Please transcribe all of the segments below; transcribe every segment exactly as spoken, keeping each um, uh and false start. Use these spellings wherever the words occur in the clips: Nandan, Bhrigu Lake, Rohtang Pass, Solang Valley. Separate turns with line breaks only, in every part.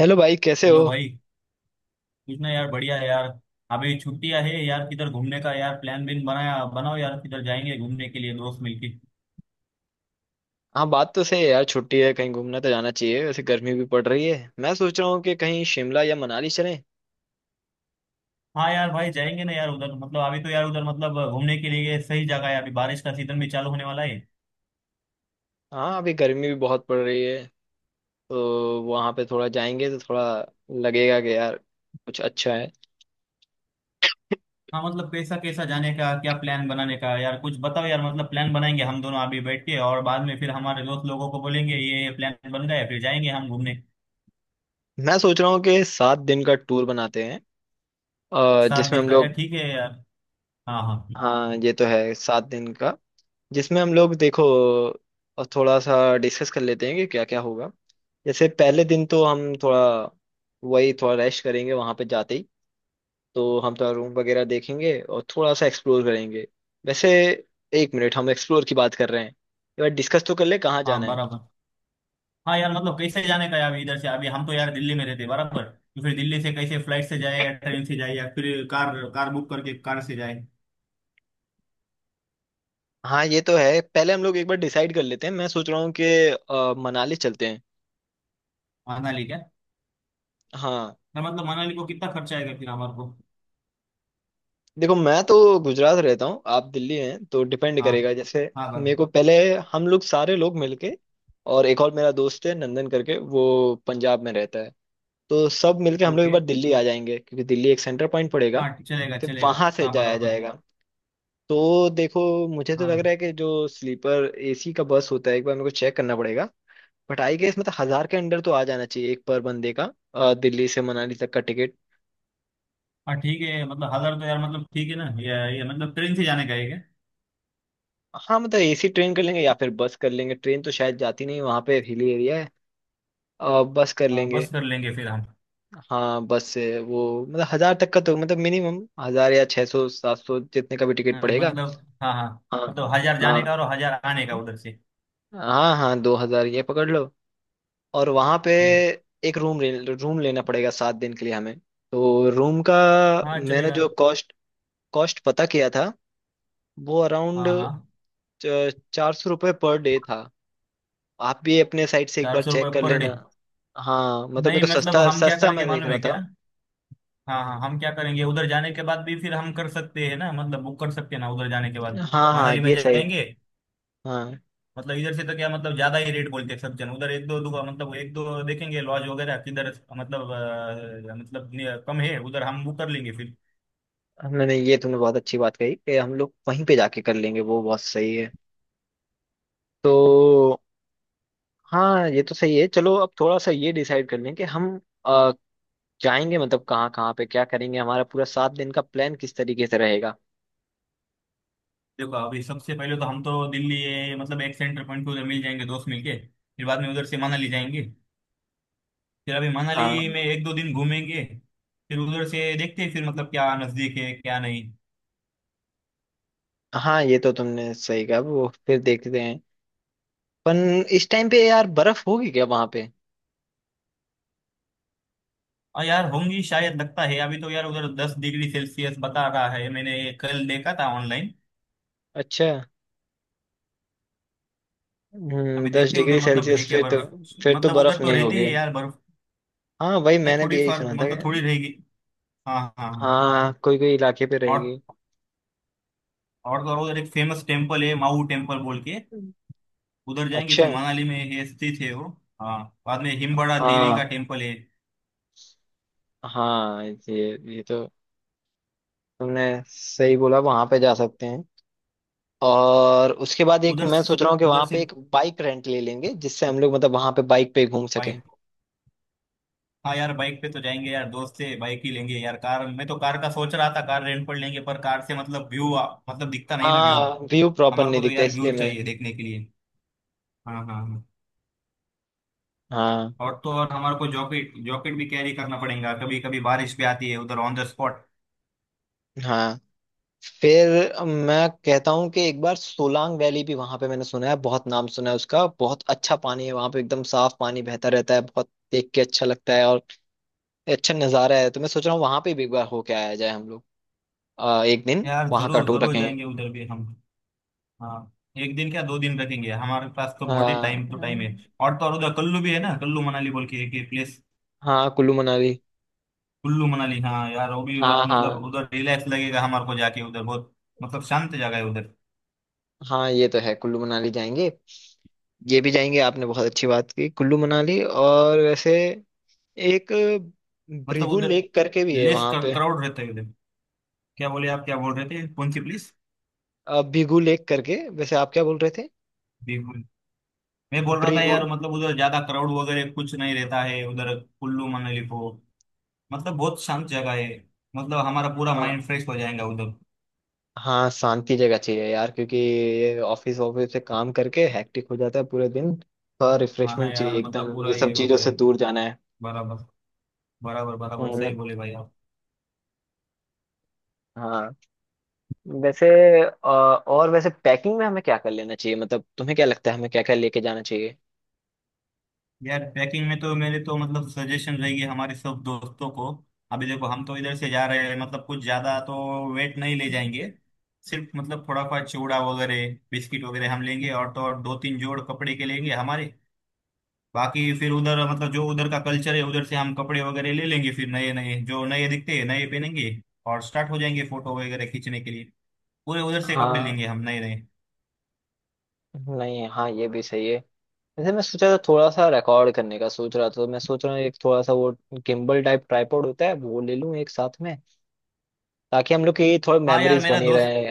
Hello भाई, कैसे हो।
हेलो भाई। कुछ ना यार, बढ़िया है यार। अभी छुट्टियां है यार, किधर घूमने का यार प्लान बिन बनाया, बनाओ यार किधर जाएंगे घूमने के लिए दोस्त मिलके।
हाँ, बात तो सही है यार, छुट्टी है, कहीं घूमने तो जाना चाहिए। वैसे गर्मी भी पड़ रही है, मैं सोच रहा हूँ कि कहीं शिमला या मनाली चलें।
हाँ यार भाई, जाएंगे ना यार उधर, मतलब अभी तो यार उधर मतलब घूमने के लिए सही जगह है, अभी बारिश का सीजन भी चालू होने वाला है।
हाँ, अभी गर्मी भी बहुत पड़ रही है। तो वहाँ पे थोड़ा जाएंगे तो थोड़ा लगेगा कि यार कुछ अच्छा है।
हाँ मतलब कैसा कैसा जाने का, क्या प्लान बनाने का यार कुछ बताओ यार, मतलब प्लान बनाएंगे हम दोनों अभी बैठ के और बाद में फिर हमारे दोस्त लोगों को बोलेंगे ये प्लान बन गया है, फिर जाएंगे हम घूमने।
मैं सोच रहा हूँ कि सात दिन का टूर बनाते हैं, अ,
सात
जिसमें
दिन
हम
का क्या?
लोग।
ठीक है यार। हाँ हाँ।
हाँ, ये तो है सात दिन का। जिसमें हम लोग देखो, अ, थोड़ा सा डिस्कस कर लेते हैं कि क्या क्या होगा। जैसे पहले दिन तो हम थोड़ा, वही थोड़ा रेस्ट करेंगे वहां पे जाते ही। तो हम थोड़ा रूम वगैरह देखेंगे और थोड़ा सा एक्सप्लोर करेंगे। वैसे एक मिनट, हम एक्सप्लोर की बात कर रहे हैं, एक बार डिस्कस तो कर ले कहाँ
हाँ
जाना है।
बराबर। हाँ यार मतलब कैसे जाने का है? अभी इधर से, अभी हम तो यार दिल्ली में रहते बराबर, तो फिर दिल्ली से कैसे, फ्लाइट से जाए या ट्रेन से जाए या फिर कार कार बुक करके कार से जाए।
हाँ ये तो है, पहले हम लोग एक बार डिसाइड कर लेते हैं। मैं सोच रहा हूँ कि अ, मनाली चलते हैं।
मनाली क्या?
हाँ।
ना मतलब मनाली को कितना खर्चा आएगा फिर हमारे को?
देखो, मैं तो गुजरात रहता हूँ, आप दिल्ली हैं, तो डिपेंड
हाँ
करेगा। जैसे
हाँ
मेरे
बराबर।
को पहले, हम लोग सारे लोग मिलके, और एक और मेरा दोस्त है नंदन करके, वो पंजाब में रहता है। तो सब मिलके हम लोग एक
ओके।
बार दिल्ली आ जाएंगे, क्योंकि दिल्ली एक सेंटर पॉइंट पड़ेगा।
हाँ चलेगा
फिर
चलेगा।
वहां से
हाँ
जाया
बराबर।
जाएगा। तो देखो, मुझे तो लग रहा
हाँ
है कि जो स्लीपर एसी का बस होता है, एक बार मेरे को चेक करना पड़ेगा। बट आई गेस मतलब हजार के अंडर तो आ जाना चाहिए एक पर बंदे का, अ, दिल्ली से मनाली तक का टिकट।
हाँ ठीक है, मतलब हजार तो यार मतलब ठीक है ना, ये ये मतलब ट्रेन से जाने का है क्या?
हाँ, मतलब एसी ट्रेन कर लेंगे या फिर बस कर लेंगे। ट्रेन तो शायद जाती नहीं, वहां पे हिली एरिया है। अ, बस कर
हाँ,
लेंगे।
बस कर लेंगे फिर हम।
हाँ, बस से वो मतलब हजार तक का, तो मतलब मिनिमम हजार या छह सौ सात सौ जितने का भी टिकट
हाँ,
पड़ेगा।
मतलब हाँ हाँ।
हाँ,
मतलब हजार
हाँ,
जाने का और हजार आने का उधर से।
हाँ, हाँ दो हजार ये पकड़ लो। और वहां पे
हम्म,
एक रूम रूम लेना पड़ेगा सात दिन के लिए हमें। तो रूम का,
हाँ
मैंने
चलेगा।
जो कॉस्ट कॉस्ट पता किया था वो अराउंड
हाँ हाँ।
चार सौ रुपये पर डे था। आप भी अपने साइड से एक
चार
बार
सौ रुपये
चेक कर
पर
लेना।
डे?
हाँ, मतलब
नहीं
मेरे को
मतलब
सस्ता
हम क्या
सस्ता
करेंगे
मैं देख
मालूम
रहा
है क्या?
था।
हाँ हाँ हम क्या करेंगे उधर जाने के बाद भी फिर हम कर सकते हैं ना, मतलब बुक कर सकते हैं ना उधर जाने के बाद।
हाँ, हाँ
मनाली में
ये सही है।
जाएंगे।
हाँ,
मतलब इधर से तो क्या, मतलब ज्यादा ही रेट बोलते हैं सब जन, उधर एक दो दुका मतलब एक दो देखेंगे लॉज वगैरह किधर मतलब, अ, मतलब नि- कम है उधर हम बुक कर लेंगे फिर।
नहीं नहीं, ये तुमने बहुत अच्छी बात कही कि हम लोग वहीं पे जाके कर लेंगे, वो बहुत सही है। तो हाँ, ये तो सही है, चलो अब थोड़ा सा ये डिसाइड कर लें कि हम जाएंगे मतलब कहाँ कहाँ पे क्या करेंगे, हमारा पूरा सात दिन का प्लान किस तरीके से रहेगा।
देखो अभी सबसे पहले तो हम तो दिल्ली ये, मतलब एक सेंटर पॉइंट पे उधर मिल जाएंगे दोस्त मिलके। फिर बाद में उधर से मनाली जाएंगे। फिर अभी मनाली
हाँ,
में एक दो दिन घूमेंगे। फिर उधर से देखते हैं फिर मतलब क्या नजदीक है क्या नहीं।
हाँ, ये तो तुमने सही कहा, वो फिर देखते हैं। पन इस टाइम पे यार बर्फ होगी क्या वहां पे?
और यार होंगी शायद, लगता है अभी तो यार उधर दस डिग्री सेल्सियस बता रहा है, मैंने ये कल देखा था ऑनलाइन।
अच्छा। हम्म,
अभी
दस
देखते हैं
डिग्री
उधर मतलब है
सेल्सियस
क्या
फिर तो
बर्फ।
फिर तो
मतलब उधर
बर्फ
तो
नहीं
रहती
होगी।
है यार बर्फ।
हाँ वही
नहीं
मैंने भी
थोड़ी
यही
फर्क,
सुना था
मतलब
कि-
थोड़ी रहेगी। हाँ हाँ हाँ।
हाँ, कोई कोई इलाके पे
और।
रहेगी।
और तो और उधर एक फेमस टेम्पल है, माऊ टेम्पल बोल के। उधर जाएंगे,
अच्छा।
फिर मनाली में है स्थित है वो। हाँ। बाद में हिमबड़ा देवी का
हाँ,
टेम्पल है।
हाँ, ये ये तो तुमने सही बोला, वहां पे जा सकते हैं। और उसके बाद एक
उधर।
मैं सोच रहा हूँ कि
उधर
वहां
से।
पे एक बाइक रेंट ले लेंगे, जिससे हम लोग मतलब वहां पे बाइक पे घूम सके।
बाइक। हाँ यार बाइक पे तो जाएंगे यार, दोस्त से बाइक ही लेंगे यार, कार मैं तो कार का सोच रहा था कार रेंट पर लेंगे पर कार से मतलब व्यू मतलब दिखता नहीं ना व्यू।
हाँ, व्यू प्रॉपर
हमारे
नहीं
को तो
दिखता,
यार
इसलिए
व्यू
मैं,
चाहिए देखने के लिए। हाँ हाँ हाँ।
हाँ,
और तो और हमारे को जॉकेट जॉकेट भी कैरी करना पड़ेगा, कभी कभी बारिश भी आती है उधर ऑन द स्पॉट।
हाँ। फिर मैं कहता हूँ कि एक बार सोलांग वैली भी, वहां पे मैंने सुना है, बहुत नाम सुना है उसका, बहुत अच्छा पानी है वहां पे, एकदम साफ पानी बहता रहता है, बहुत देख के अच्छा लगता है और अच्छा नजारा है। तो मैं सोच रहा हूँ वहां पे भी एक बार होके आया जाए हम लोग, अ, एक दिन
यार
वहां का
जरूर
टूर
जरूर
रखेंगे।
जाएंगे उधर भी हम। हाँ। एक दिन क्या, दो दिन रखेंगे हमारे पास तो बहुत ही टाइम, तो टाइम है।
हाँ,
और तो और उधर कुल्लू भी है ना, कुल्लू मनाली बोल के एक प्लेस।
हाँ कुल्लू मनाली।
कुल्लू मनाली हाँ यार वो भी बहुत
हाँ,
मतलब
हाँ,
उधर रिलैक्स लगेगा हमारे को जाके उधर बहुत। मतलब शांत जगह है उधर।
हाँ, ये तो है, कुल्लू मनाली जाएंगे। ये भी जाएंगे, आपने बहुत अच्छी बात की कुल्लू मनाली। और वैसे एक
मतलब
भृगु
उधर
लेक करके भी है
लेस
वहां पे।
क्राउड रहता है उधर। क्या बोले आप, क्या बोल रहे थे, कौन सी
अ, भिगु लेक करके, वैसे आप क्या बोल रहे थे?
प्लेस? मैं बोल रहा था
भृगु।
यार मतलब उधर ज्यादा क्राउड वगैरह कुछ नहीं रहता है उधर कुल्लू मनाली को। मतलब बहुत शांत जगह है। मतलब हमारा पूरा
हाँ,
माइंड फ्रेश हो जाएगा उधर।
हाँ, शांति जगह चाहिए यार, क्योंकि ये ऑफिस ऑफिस से काम करके हेक्टिक हो जाता है पूरे दिन। थोड़ा
हाँ ना
रिफ्रेशमेंट चाहिए,
यार मतलब
एकदम ये
पूरा
सब
ये हो
चीजों से
गया।
दूर जाना है।
बराबर। बराबर बराबर सही
हम्म।
बोले भाई आप।
हाँ। वैसे अ, और वैसे पैकिंग में हमें क्या कर लेना चाहिए, मतलब तुम्हें क्या लगता है हमें क्या क्या लेके जाना चाहिए?
यार ट्रैकिंग में तो मेरे तो मतलब सजेशन रहेगी हमारे सब दोस्तों को। अभी देखो हम तो इधर से जा रहे हैं, मतलब कुछ ज्यादा तो वेट नहीं ले जाएंगे। सिर्फ मतलब थोड़ा सा चिवड़ा वगैरह बिस्किट वगैरह हम लेंगे और तो और दो तीन जोड़ कपड़े के लेंगे हमारे। बाकी फिर उधर मतलब जो उधर का कल्चर है उधर से हम कपड़े वगैरह ले लेंगे, फिर नए नए जो नए दिखते हैं नए पहनेंगे। और स्टार्ट हो जाएंगे फोटो वगैरह खींचने के लिए। पूरे उधर से कपड़े
हाँ,
लेंगे हम नए नए।
नहीं, हाँ, ये भी सही है। वैसे मैं सोचा था थोड़ा सा रिकॉर्ड करने का सोच रहा था, तो मैं सोच रहा हूँ एक थोड़ा सा वो गिम्बल टाइप ट्राइपॉड होता है वो ले लूँ एक साथ में, ताकि हम लोग की थोड़ी
हाँ यार
मेमोरीज
मेरा
बनी
दोस्त।
रहे।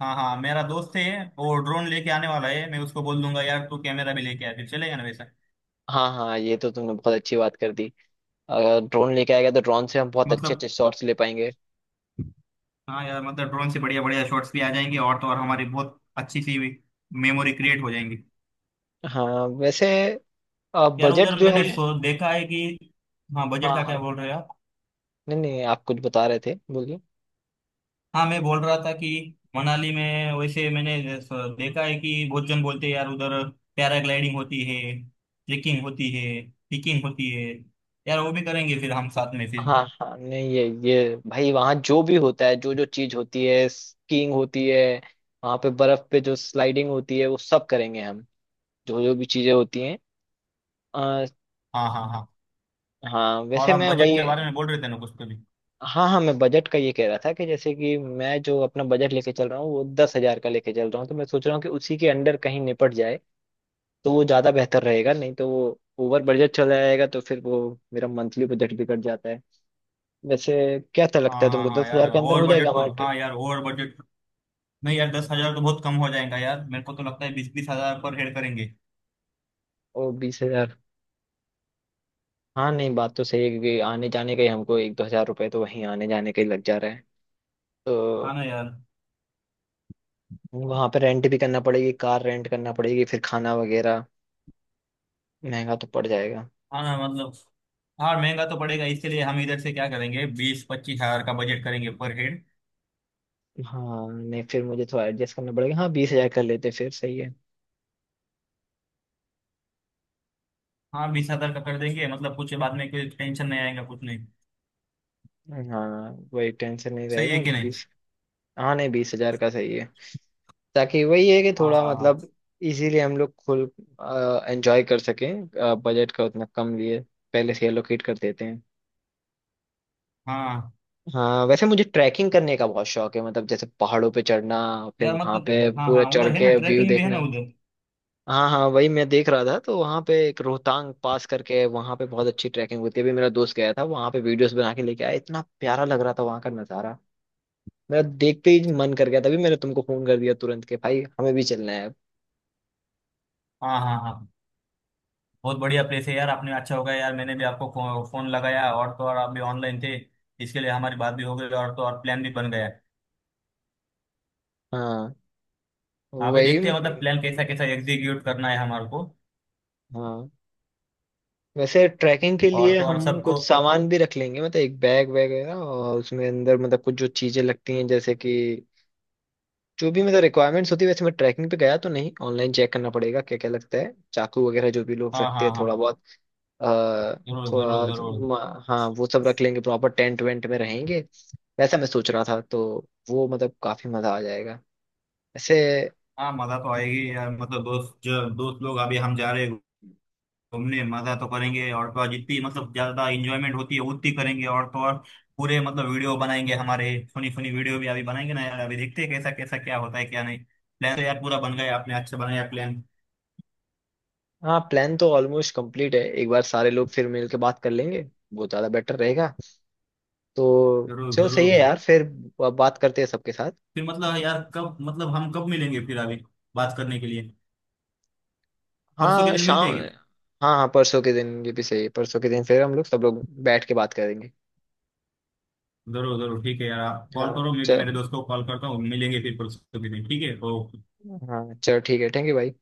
हाँ हाँ मेरा दोस्त है वो, ड्रोन लेके आने वाला है, मैं उसको बोल दूंगा यार तू कैमरा भी लेके आ, फिर चलेगा ना वैसा।
हाँ, हाँ, ये तो तुमने बहुत अच्छी बात कर दी। अगर ड्रोन लेके आएगा तो ड्रोन से हम बहुत अच्छे
मतलब
अच्छे शॉट्स ले पाएंगे।
हाँ यार मतलब ड्रोन से बढ़िया बढ़िया शॉट्स भी आ जाएंगे और तो और हमारी बहुत अच्छी सी मेमोरी क्रिएट हो जाएंगी।
हाँ वैसे
यार
बजट
उधर
जो
मैंने
है,
सो देखा है कि। हाँ बजट
हाँ,
का क्या
हाँ।
बोल रहे हो आप?
नहीं, नहीं, आप कुछ बता रहे थे, बोलिए।
हाँ मैं बोल रहा था कि मनाली में वैसे मैंने जैस- देखा है कि बहुत जन बोलते हैं यार उधर पैराग्लाइडिंग होती है, ट्रेकिंग होती है, पिकिंग होती है, यार वो भी करेंगे फिर हम साथ में फिर।
हाँ, हाँ, नहीं, ये ये भाई, वहाँ जो भी होता है, जो जो चीज होती है, स्कीइंग होती है, वहाँ पे बर्फ पे जो स्लाइडिंग होती है वो सब करेंगे हम, जो जो भी चीजें होती हैं, आ,
हाँ हाँ हाँ।
हाँ
और
वैसे
आप
मैं
बजट
वही।
के बारे में बोल रहे थे ना, कुछ तो भी।
हाँ, हाँ, मैं बजट का ये कह रहा था कि जैसे कि मैं जो अपना बजट लेके चल रहा हूँ वो दस हजार का लेके चल रहा हूँ, तो मैं सोच रहा हूँ कि उसी के अंडर कहीं निपट जाए, तो वो ज्यादा बेहतर रहेगा। नहीं तो वो ओवर बजट चला जाएगा, तो फिर वो मेरा मंथली बजट बिगड़ जाता है। वैसे क्या लगता
हाँ
है
हाँ
तुमको,
हाँ
दस
यार,
हजार के अंदर
ओवर
हो जाएगा
बजट
हमारा
तो, हाँ
ट्रिप?
यार ओवर बजट। नहीं यार दस हजार तो बहुत कम हो जाएगा यार, मेरे को तो लगता है बीस बीस हजार पर हेड करेंगे।
ओ बीस हजार, हाँ, नहीं, बात तो सही है, क्योंकि आने जाने का ही हमको एक दो हजार रुपए तो वहीं आने जाने का ही लग जा रहा है।
हाँ
तो
ना यार।
वहां पे रेंट भी करना पड़ेगी, कार रेंट करना पड़ेगी, फिर खाना वगैरह महंगा तो पड़ जाएगा।
हाँ ना मतलब। हाँ महंगा तो पड़ेगा, इसके लिए हम इधर से क्या करेंगे, बीस पच्चीस हजार का बजट करेंगे पर हेड।
हाँ, नहीं, फिर मुझे थोड़ा एडजस्ट करना पड़ेगा, हाँ, बीस हजार कर लेते फिर सही है।
हाँ बीस हजार का कर देंगे, मतलब कुछ बाद में कोई टेंशन नहीं आएगा कुछ नहीं।
हाँ, वही, टेंशन नहीं
सही है
रहेगा।
कि नहीं?
बीस, हाँ, नहीं, बीस हजार का सही है, ताकि वही है कि
हाँ
थोड़ा
हाँ हाँ।
मतलब इजीली हम लोग खुल एंजॉय कर सकें। बजट का उतना कम लिए पहले से एलोकेट कर देते हैं।
हाँ
हाँ वैसे मुझे ट्रैकिंग करने का बहुत शौक है, मतलब जैसे पहाड़ों पे चढ़ना, फिर
यार
वहां
मतलब।
पे
हाँ
पूरा
हाँ
चढ़
उधर है ना
के व्यू
ट्रैकिंग भी है
देखना।
ना उधर।
हाँ, हाँ, वही मैं देख रहा था, तो वहां पे एक रोहतांग पास करके वहां पे बहुत अच्छी ट्रैकिंग होती है। अभी मेरा दोस्त गया था वहां पे, वीडियोस बना के लेके आया, इतना प्यारा लग रहा था वहां का नजारा। मेरा देखते ही मन कर गया, तभी मैंने तुमको फोन कर दिया तुरंत के, भाई हमें भी चलना है अब।
हाँ हाँ हाँ। बहुत बढ़िया प्लेस है यार आपने, अच्छा हो गया यार मैंने भी आपको फो, फोन लगाया और तो और आप भी ऑनलाइन थे। इसके लिए हमारी बात भी हो गई और तो और प्लान भी बन गया।
हाँ
हाँ अभी देखते हैं मतलब
वही।
प्लान कैसा कैसा एग्जीक्यूट करना है हमारे को।
हाँ वैसे ट्रैकिंग के
और
लिए
तो और
हम
सबको।
कुछ सामान भी रख लेंगे, मतलब एक बैग वगैरह, और उसमें अंदर मतलब कुछ जो चीजें लगती हैं, जैसे कि जो भी मतलब रिक्वायरमेंट्स होती है। वैसे मैं ट्रैकिंग पे गया तो नहीं, ऑनलाइन चेक करना पड़ेगा क्या क्या लगता है, चाकू वगैरह जो भी लोग
हाँ
रखते हैं
हाँ
थोड़ा
हाँ।
बहुत। आ,
जरूर जरूर
थोड़ा,
जरूर।
म- हाँ, वो सब रख लेंगे, प्रॉपर टेंट वेंट में रहेंगे, वैसा मैं सोच रहा था तो वो मतलब काफी मजा आ जाएगा ऐसे।
हाँ मजा तो आएगी यार, मतलब दोस्त जो दोस्त लोग अभी हम जा रहे हैं घूमने मजा तो करेंगे और तो और जितनी मतलब ज्यादा इंजॉयमेंट होती है उतनी करेंगे और तो और पूरे मतलब वीडियो बनाएंगे हमारे फनी फनी वीडियो भी अभी बनाएंगे ना यार, अभी देखते हैं कैसा कैसा क्या होता है क्या नहीं। प्लान तो यार पूरा बन गया, आपने अच्छा बनाया प्लान।
हाँ, प्लान तो ऑलमोस्ट कंप्लीट है, एक बार सारे लोग फिर मिल के बात कर लेंगे, वो ज्यादा बेटर रहेगा। तो
जरूर
चलो सही
जरूर।
है यार, फिर ब- बात करते हैं सबके साथ।
फिर मतलब यार कब मतलब हम कब मिलेंगे फिर अभी बात करने के लिए? परसों के
हाँ,
दिन मिलते
शाम।
हैं क्या?
हाँ, हाँ, परसों के दिन ये भी सही है, परसों के दिन फिर हम लोग सब लोग बैठ के बात करेंगे।
जरूर जरूर ठीक है यार, आप कॉल
हाँ,
करो मैं भी मेरे
चल,
दोस्त को कॉल करता हूँ, मिलेंगे फिर परसों के दिन, ठीक है ओ।
हाँ, चल, ठीक है, थैंक यू भाई।